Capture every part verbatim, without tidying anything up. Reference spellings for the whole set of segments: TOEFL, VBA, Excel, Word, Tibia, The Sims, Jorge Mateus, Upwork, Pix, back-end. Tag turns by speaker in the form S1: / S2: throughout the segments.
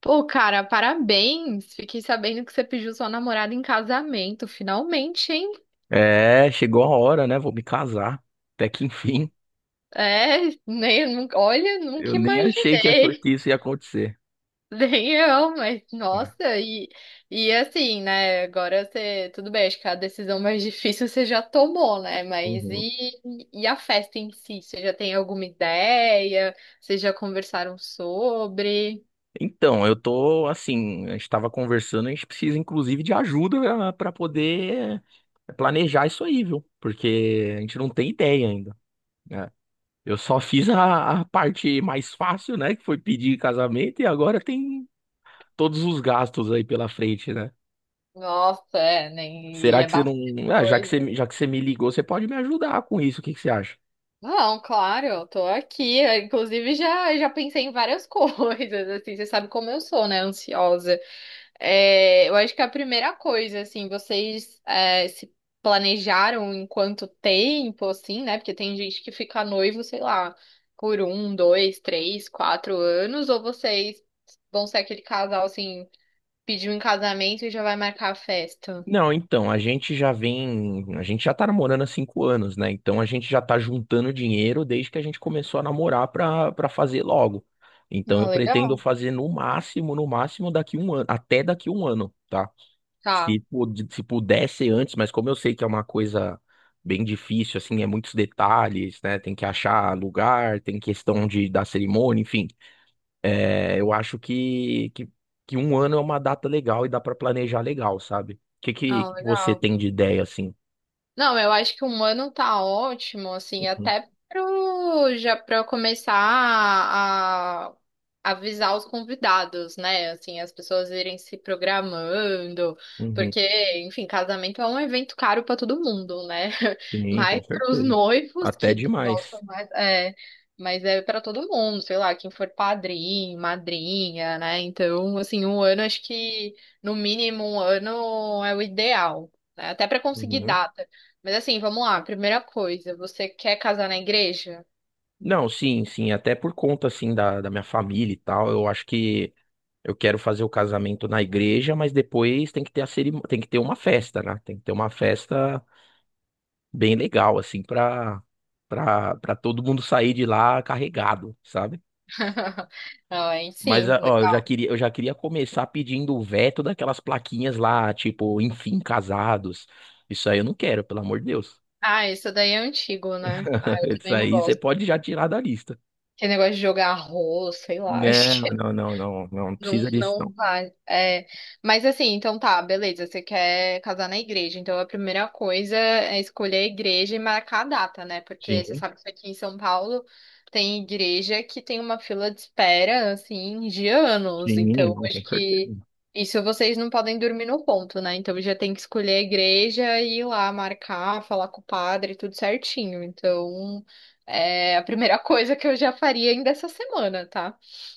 S1: Pô, cara, parabéns! Fiquei sabendo que você pediu sua namorada em casamento, finalmente, hein?
S2: É, chegou a hora, né? Vou me casar. Até que enfim.
S1: É, nem, nu- olha,
S2: Eu
S1: nunca
S2: nem achei que essa-
S1: imaginei.
S2: que isso ia acontecer.
S1: Nem eu, mas
S2: É.
S1: nossa, e, e assim, né? Agora você, tudo bem, acho que a decisão mais difícil você já tomou, né? Mas
S2: Uhum.
S1: e, e a festa em si? Você já tem alguma ideia? Vocês já conversaram sobre?
S2: Então, eu tô assim, a gente estava conversando, a gente precisa inclusive de ajuda para poder planejar isso aí, viu? Porque a gente não tem ideia ainda, né? Eu só fiz a, a parte mais fácil, né? Que foi pedir casamento e agora tem todos os gastos aí pela frente, né?
S1: Nossa, é, nem, e
S2: Será
S1: é
S2: que você não.
S1: bastante
S2: Ah, já que
S1: coisa.
S2: você, já que você me ligou, você pode me ajudar com isso? O que que você acha?
S1: Não, claro, eu tô aqui. Eu, inclusive, já, já pensei em várias coisas, assim, você sabe como eu sou, né? Ansiosa. É, eu acho que a primeira coisa, assim, vocês é, se planejaram em quanto tempo, assim, né? Porque tem gente que fica noivo, sei lá, por um, dois, três, quatro anos, ou vocês vão ser aquele casal, assim, pediu em casamento e já vai marcar a festa.
S2: Não, então, a gente já vem, a gente já tá namorando há cinco anos, né? Então a gente já tá juntando dinheiro desde que a gente começou a namorar pra, pra fazer logo. Então eu
S1: Ah,
S2: pretendo
S1: legal.
S2: fazer no máximo, no máximo daqui um ano, até daqui um ano, tá?
S1: Tá.
S2: Se, pu- se pudesse antes, mas como eu sei que é uma coisa bem difícil, assim, é muitos detalhes, né? Tem que achar lugar, tem questão de da cerimônia, enfim. É, eu acho que, que, que um ano é uma data legal e dá pra planejar legal, sabe? O que,
S1: Ah,
S2: que você
S1: legal.
S2: tem de ideia assim?
S1: Não, eu acho que um ano tá ótimo, assim,
S2: Uhum,
S1: até pro, já para eu começar a avisar os convidados, né? Assim, as pessoas irem se programando,
S2: uhum.
S1: porque, enfim, casamento é um evento caro para todo mundo, né?
S2: Sim, com
S1: Mais para os
S2: certeza.
S1: noivos
S2: Até
S1: que
S2: demais.
S1: gostam mais, é, mas é para todo mundo, sei lá, quem for padrinho, madrinha, né? Então, assim, um ano acho que no mínimo um ano é o ideal, né? Até para conseguir
S2: Uhum.
S1: data. Mas assim, vamos lá. Primeira coisa, você quer casar na igreja?
S2: Não, Sim, sim, até por conta assim da, da minha família e tal, eu acho que eu quero fazer o casamento na igreja, mas depois tem que ter a cerim... tem que ter uma festa, né? Tem que ter uma festa bem legal assim pra para para todo mundo sair de lá carregado, sabe?
S1: Ai,
S2: Mas,
S1: sim,
S2: ah, ó, eu já
S1: legal.
S2: queria, eu já queria começar pedindo o veto daquelas plaquinhas lá, tipo, enfim, casados. Isso aí eu não quero, pelo amor de Deus.
S1: Ah, isso daí é antigo, né? Ah, eu
S2: Isso
S1: também não
S2: aí você
S1: gosto.
S2: pode já tirar da lista.
S1: Que negócio de jogar arroz, sei lá,
S2: Não,
S1: acho.
S2: não, não, não, não, não
S1: Não,
S2: precisa disso,
S1: não
S2: não.
S1: vai. É, mas assim, então tá, beleza. Você quer casar na igreja. Então a primeira coisa é escolher a igreja e marcar a data, né? Porque você
S2: Sim,
S1: sabe que aqui em São Paulo tem igreja que tem uma fila de espera, assim, de anos.
S2: sim, não,
S1: Então
S2: com
S1: acho
S2: certeza.
S1: que isso vocês não podem dormir no ponto, né? Então já tem que escolher a igreja e ir lá marcar, falar com o padre, tudo certinho. Então é a primeira coisa que eu já faria ainda essa semana, tá?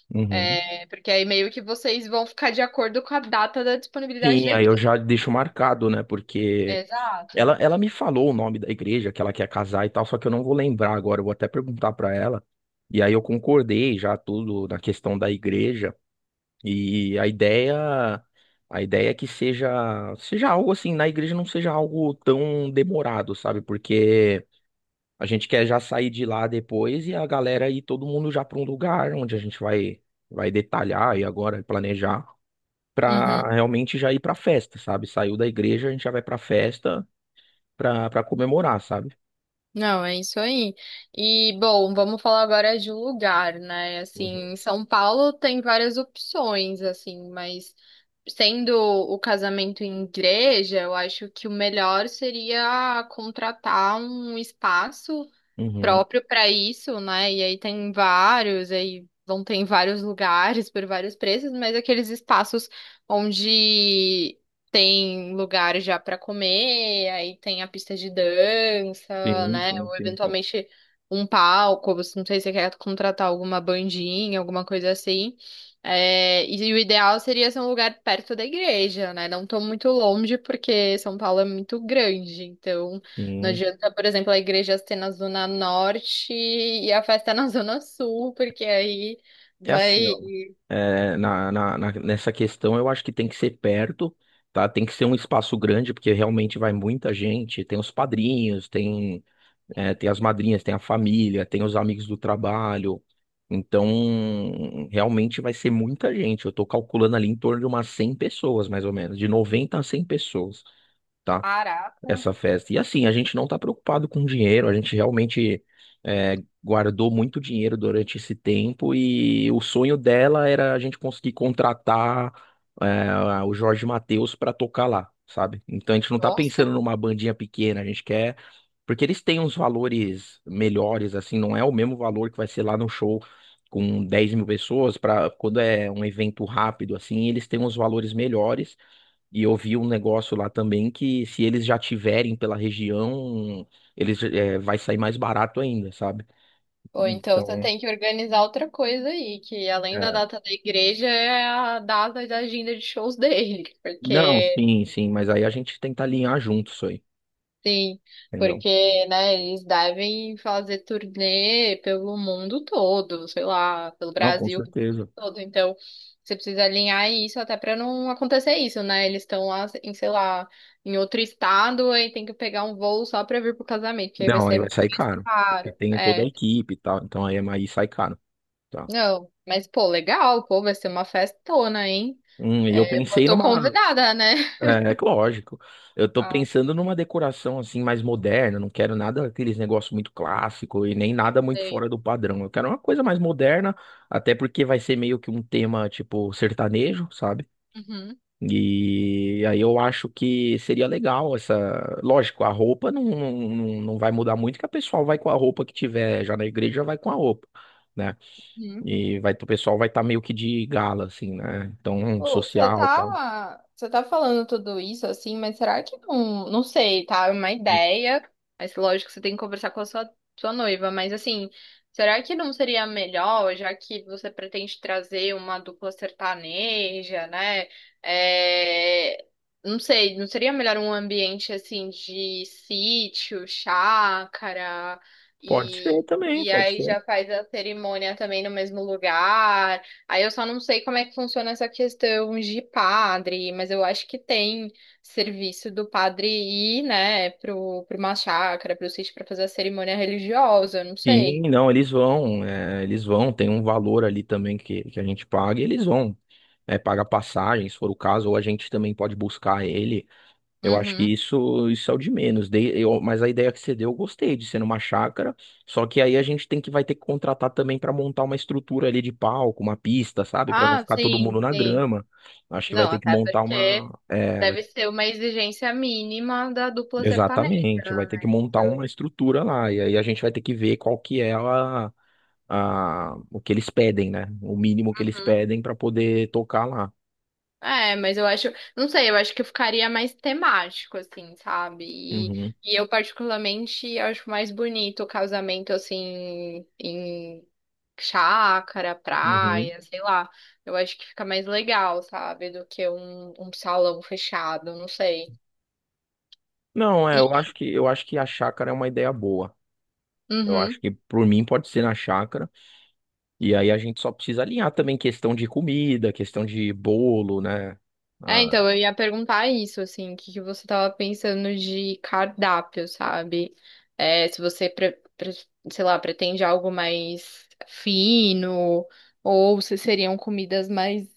S2: Uhum.
S1: É, porque aí meio que vocês vão ficar de acordo com a data da disponibilidade
S2: Sim,
S1: da
S2: aí eu
S1: igreja.
S2: já deixo marcado, né? Porque
S1: Exato.
S2: ela, ela me falou o nome da igreja que ela quer casar e tal, só que eu não vou lembrar agora, eu vou até perguntar pra ela. E aí eu concordei já tudo na questão da igreja. E a ideia, a ideia é que seja, seja algo assim, na igreja não seja algo tão demorado, sabe? Porque a gente quer já sair de lá depois e a galera e todo mundo já para um lugar onde a gente vai vai detalhar e agora planejar
S1: Uhum.
S2: para realmente já ir para festa, sabe? Saiu da igreja, a gente já vai para festa para para comemorar, sabe?
S1: Não, é isso aí. E, bom, vamos falar agora de lugar, né?
S2: Uhum.
S1: Assim, em São Paulo tem várias opções, assim, mas sendo o casamento em igreja, eu acho que o melhor seria contratar um espaço
S2: Uhum.
S1: próprio para isso, né? E aí tem vários, aí vão ter em vários lugares por vários preços, mas aqueles espaços onde tem lugar já para comer, aí tem a pista de dança,
S2: Sim,
S1: né?
S2: sim,
S1: Ou
S2: sim, sim.
S1: eventualmente um palco, você não sei se você quer contratar alguma bandinha, alguma coisa assim. É, e o ideal seria ser um lugar perto da igreja, né? Não tô muito longe, porque São Paulo é muito grande, então não
S2: Sim,
S1: adianta, por exemplo, a igreja ser na Zona Norte e a festa é na Zona Sul, porque aí
S2: é assim,
S1: vai.
S2: ó. É, na, na, na- nessa questão, eu acho que tem que ser perto, tá? Tem que ser um espaço grande, porque realmente vai muita gente. Tem os padrinhos, tem, é, tem as madrinhas, tem a família, tem os amigos do trabalho. Então, realmente vai ser muita gente. Eu tô calculando ali em torno de umas cem pessoas, mais ou menos, de noventa a cem pessoas, tá?
S1: Caraca,
S2: Essa festa. E assim, a gente não tá preocupado com dinheiro, a gente realmente é, guardou muito dinheiro durante esse tempo e o sonho dela era a gente conseguir contratar é, o Jorge Mateus para tocar lá, sabe? Então a gente não tá
S1: nossa.
S2: pensando numa bandinha pequena, a gente quer. Porque eles têm uns valores melhores, assim, não é o mesmo valor que vai ser lá no show com dez mil pessoas, para quando é um evento rápido, assim, eles têm uns valores melhores. E eu vi um negócio lá também que se eles já tiverem pela região, eles é, vai sair mais barato ainda, sabe?
S1: Ou então você
S2: Então,
S1: tem que organizar outra coisa aí, que além da
S2: é,
S1: data da igreja é a data da agenda de shows dele,
S2: não,
S1: porque
S2: sim, sim, mas aí a gente tenta alinhar junto isso aí,
S1: sim,
S2: entendeu?
S1: porque, né, eles devem fazer turnê pelo mundo todo, sei lá, pelo
S2: Não, com
S1: Brasil
S2: certeza.
S1: todo. Então, você precisa alinhar isso até para não acontecer isso, né? Eles estão lá em, sei lá, em outro estado e tem que pegar um voo só para vir pro casamento, que aí vai
S2: Não, aí
S1: ser
S2: vai sair
S1: mais
S2: caro, porque
S1: caro.
S2: tem toda a
S1: É,
S2: equipe e tal, então aí, é, aí sai caro, tá?
S1: não, mas pô, legal, pô, vai ser uma festona, hein?
S2: Hum, e eu
S1: É, eu
S2: pensei
S1: tô
S2: numa
S1: convidada, né?
S2: é, que lógico. Eu tô
S1: Ah,
S2: pensando numa decoração assim mais moderna, não quero nada aqueles negócios muito clássico e nem nada muito
S1: sei.
S2: fora do padrão. Eu quero uma coisa mais moderna, até porque vai ser meio que um tema tipo sertanejo, sabe?
S1: Uhum.
S2: E aí eu acho que seria legal essa. Lógico, a roupa não, não, não não vai mudar muito, que a pessoa vai com a roupa que tiver já na igreja, já vai com a roupa. Né?
S1: Uhum.
S2: E vai, o pessoal vai estar meio que de gala, assim, né? Então,
S1: Ô, você
S2: social e tal.
S1: tá, você tá falando tudo isso assim, mas será que não, não sei, tá? É uma ideia, mas lógico que você tem que conversar com a sua, sua noiva, mas assim, será que não seria melhor, já que você pretende trazer uma dupla sertaneja, né? É, não sei, não seria melhor um ambiente assim de sítio, chácara
S2: Pode ser
S1: e.
S2: também,
S1: E
S2: pode
S1: aí
S2: ser.
S1: já faz a cerimônia também no mesmo lugar. Aí eu só não sei como é que funciona essa questão de padre, mas eu acho que tem serviço do padre ir, né, pro, pro uma chácara, pro sítio pra fazer a cerimônia religiosa, eu não
S2: Sim,
S1: sei.
S2: não, eles vão, é, eles vão, tem um valor ali também que, que a gente paga e eles vão, é, pagar passagem, se for o caso, ou a gente também pode buscar ele. Eu acho que
S1: Uhum.
S2: isso, isso é o de menos. Dei- eu- mas a ideia que você deu, eu gostei de ser numa chácara, só que aí a gente tem que vai ter que contratar também para montar uma estrutura ali de palco, uma pista, sabe? Para não
S1: Ah,
S2: ficar todo mundo
S1: sim,
S2: na
S1: sim.
S2: grama. Acho que vai
S1: Não,
S2: ter que
S1: até
S2: montar uma,
S1: porque
S2: é, vai-
S1: deve ser uma exigência mínima da dupla sertaneja,
S2: Exatamente, vai ter que
S1: né?
S2: montar uma
S1: Então,
S2: estrutura lá, e aí a gente vai ter que ver qual que é a, a, o que eles pedem, né? O mínimo que eles
S1: uhum.
S2: pedem para poder tocar lá.
S1: É, mas eu acho, não sei, eu acho que eu ficaria mais temático, assim, sabe? E,
S2: Uhum,
S1: e eu particularmente acho mais bonito o casamento, assim, em chácara,
S2: uhum.
S1: praia, sei lá. Eu acho que fica mais legal, sabe? Do que um, um salão fechado, não sei.
S2: Não, é, eu
S1: E,
S2: acho que eu acho que a chácara é uma ideia boa. Eu acho
S1: uhum.
S2: que por mim pode ser na chácara. E aí a gente só precisa alinhar também questão de comida, questão de bolo, né?
S1: É,
S2: Ah,
S1: então, eu ia perguntar isso, assim, o que que você tava pensando de cardápio, sabe? É, se você, pre- pre- sei lá, pretende algo mais fino, ou se seriam comidas mais,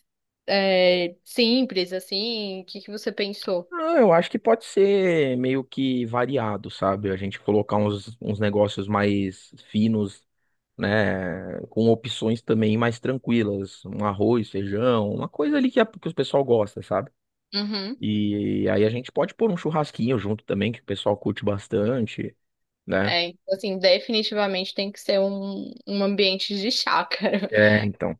S1: é, simples, assim, o que que você pensou?
S2: ah, eu acho que pode ser meio que variado, sabe? A gente colocar uns, uns negócios mais finos, né? Com opções também mais tranquilas. Um arroz, feijão, uma coisa ali que, a- que o pessoal gosta, sabe?
S1: Uhum.
S2: E aí a gente pode pôr um churrasquinho junto também, que o pessoal curte bastante, né?
S1: É, então, assim, definitivamente tem que ser um, um ambiente de chácara,
S2: É, então,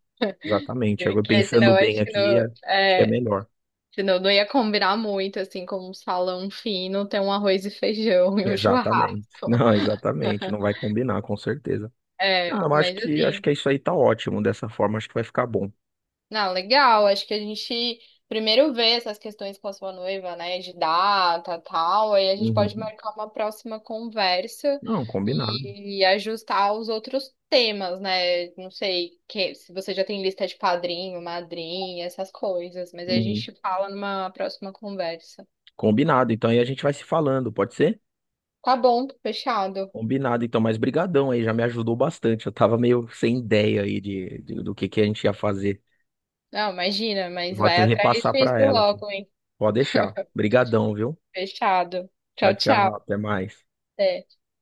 S2: exatamente. Agora
S1: porque
S2: pensando
S1: senão
S2: bem
S1: acho que
S2: aqui,
S1: não.
S2: é- acho que é
S1: é,
S2: melhor.
S1: Senão não ia combinar muito, assim, com um salão fino, ter um arroz e feijão e um
S2: Exatamente.
S1: churrasco.
S2: Não, exatamente, não vai combinar, com certeza.
S1: É,
S2: Não, eu acho
S1: mas
S2: que acho
S1: assim,
S2: que é isso aí tá ótimo dessa forma, acho que vai ficar bom.
S1: não, legal. Acho que a gente primeiro vê essas questões com a sua noiva, né, de data, tal. Aí a gente pode
S2: Uhum.
S1: marcar uma próxima conversa
S2: Não, combinado.
S1: e ajustar os outros temas, né? Não sei que, se você já tem lista de padrinho, madrinha, essas coisas. Mas aí a
S2: Uhum.
S1: gente fala numa próxima conversa.
S2: Combinado. Então aí a gente vai se falando, pode ser?
S1: Tá bom, fechado.
S2: Combinado, então, mas brigadão aí, já me ajudou bastante. Eu tava meio sem ideia aí de, de- do que que a gente ia fazer.
S1: Não, imagina,
S2: Eu
S1: mas
S2: vou
S1: vai
S2: até
S1: atrás
S2: repassar pra
S1: disso
S2: ela.
S1: logo, hein?
S2: Pode deixar. Brigadão, viu?
S1: Fechado.
S2: Tchau,
S1: Tchau,
S2: tchau.
S1: tchau.
S2: Até mais.
S1: Até.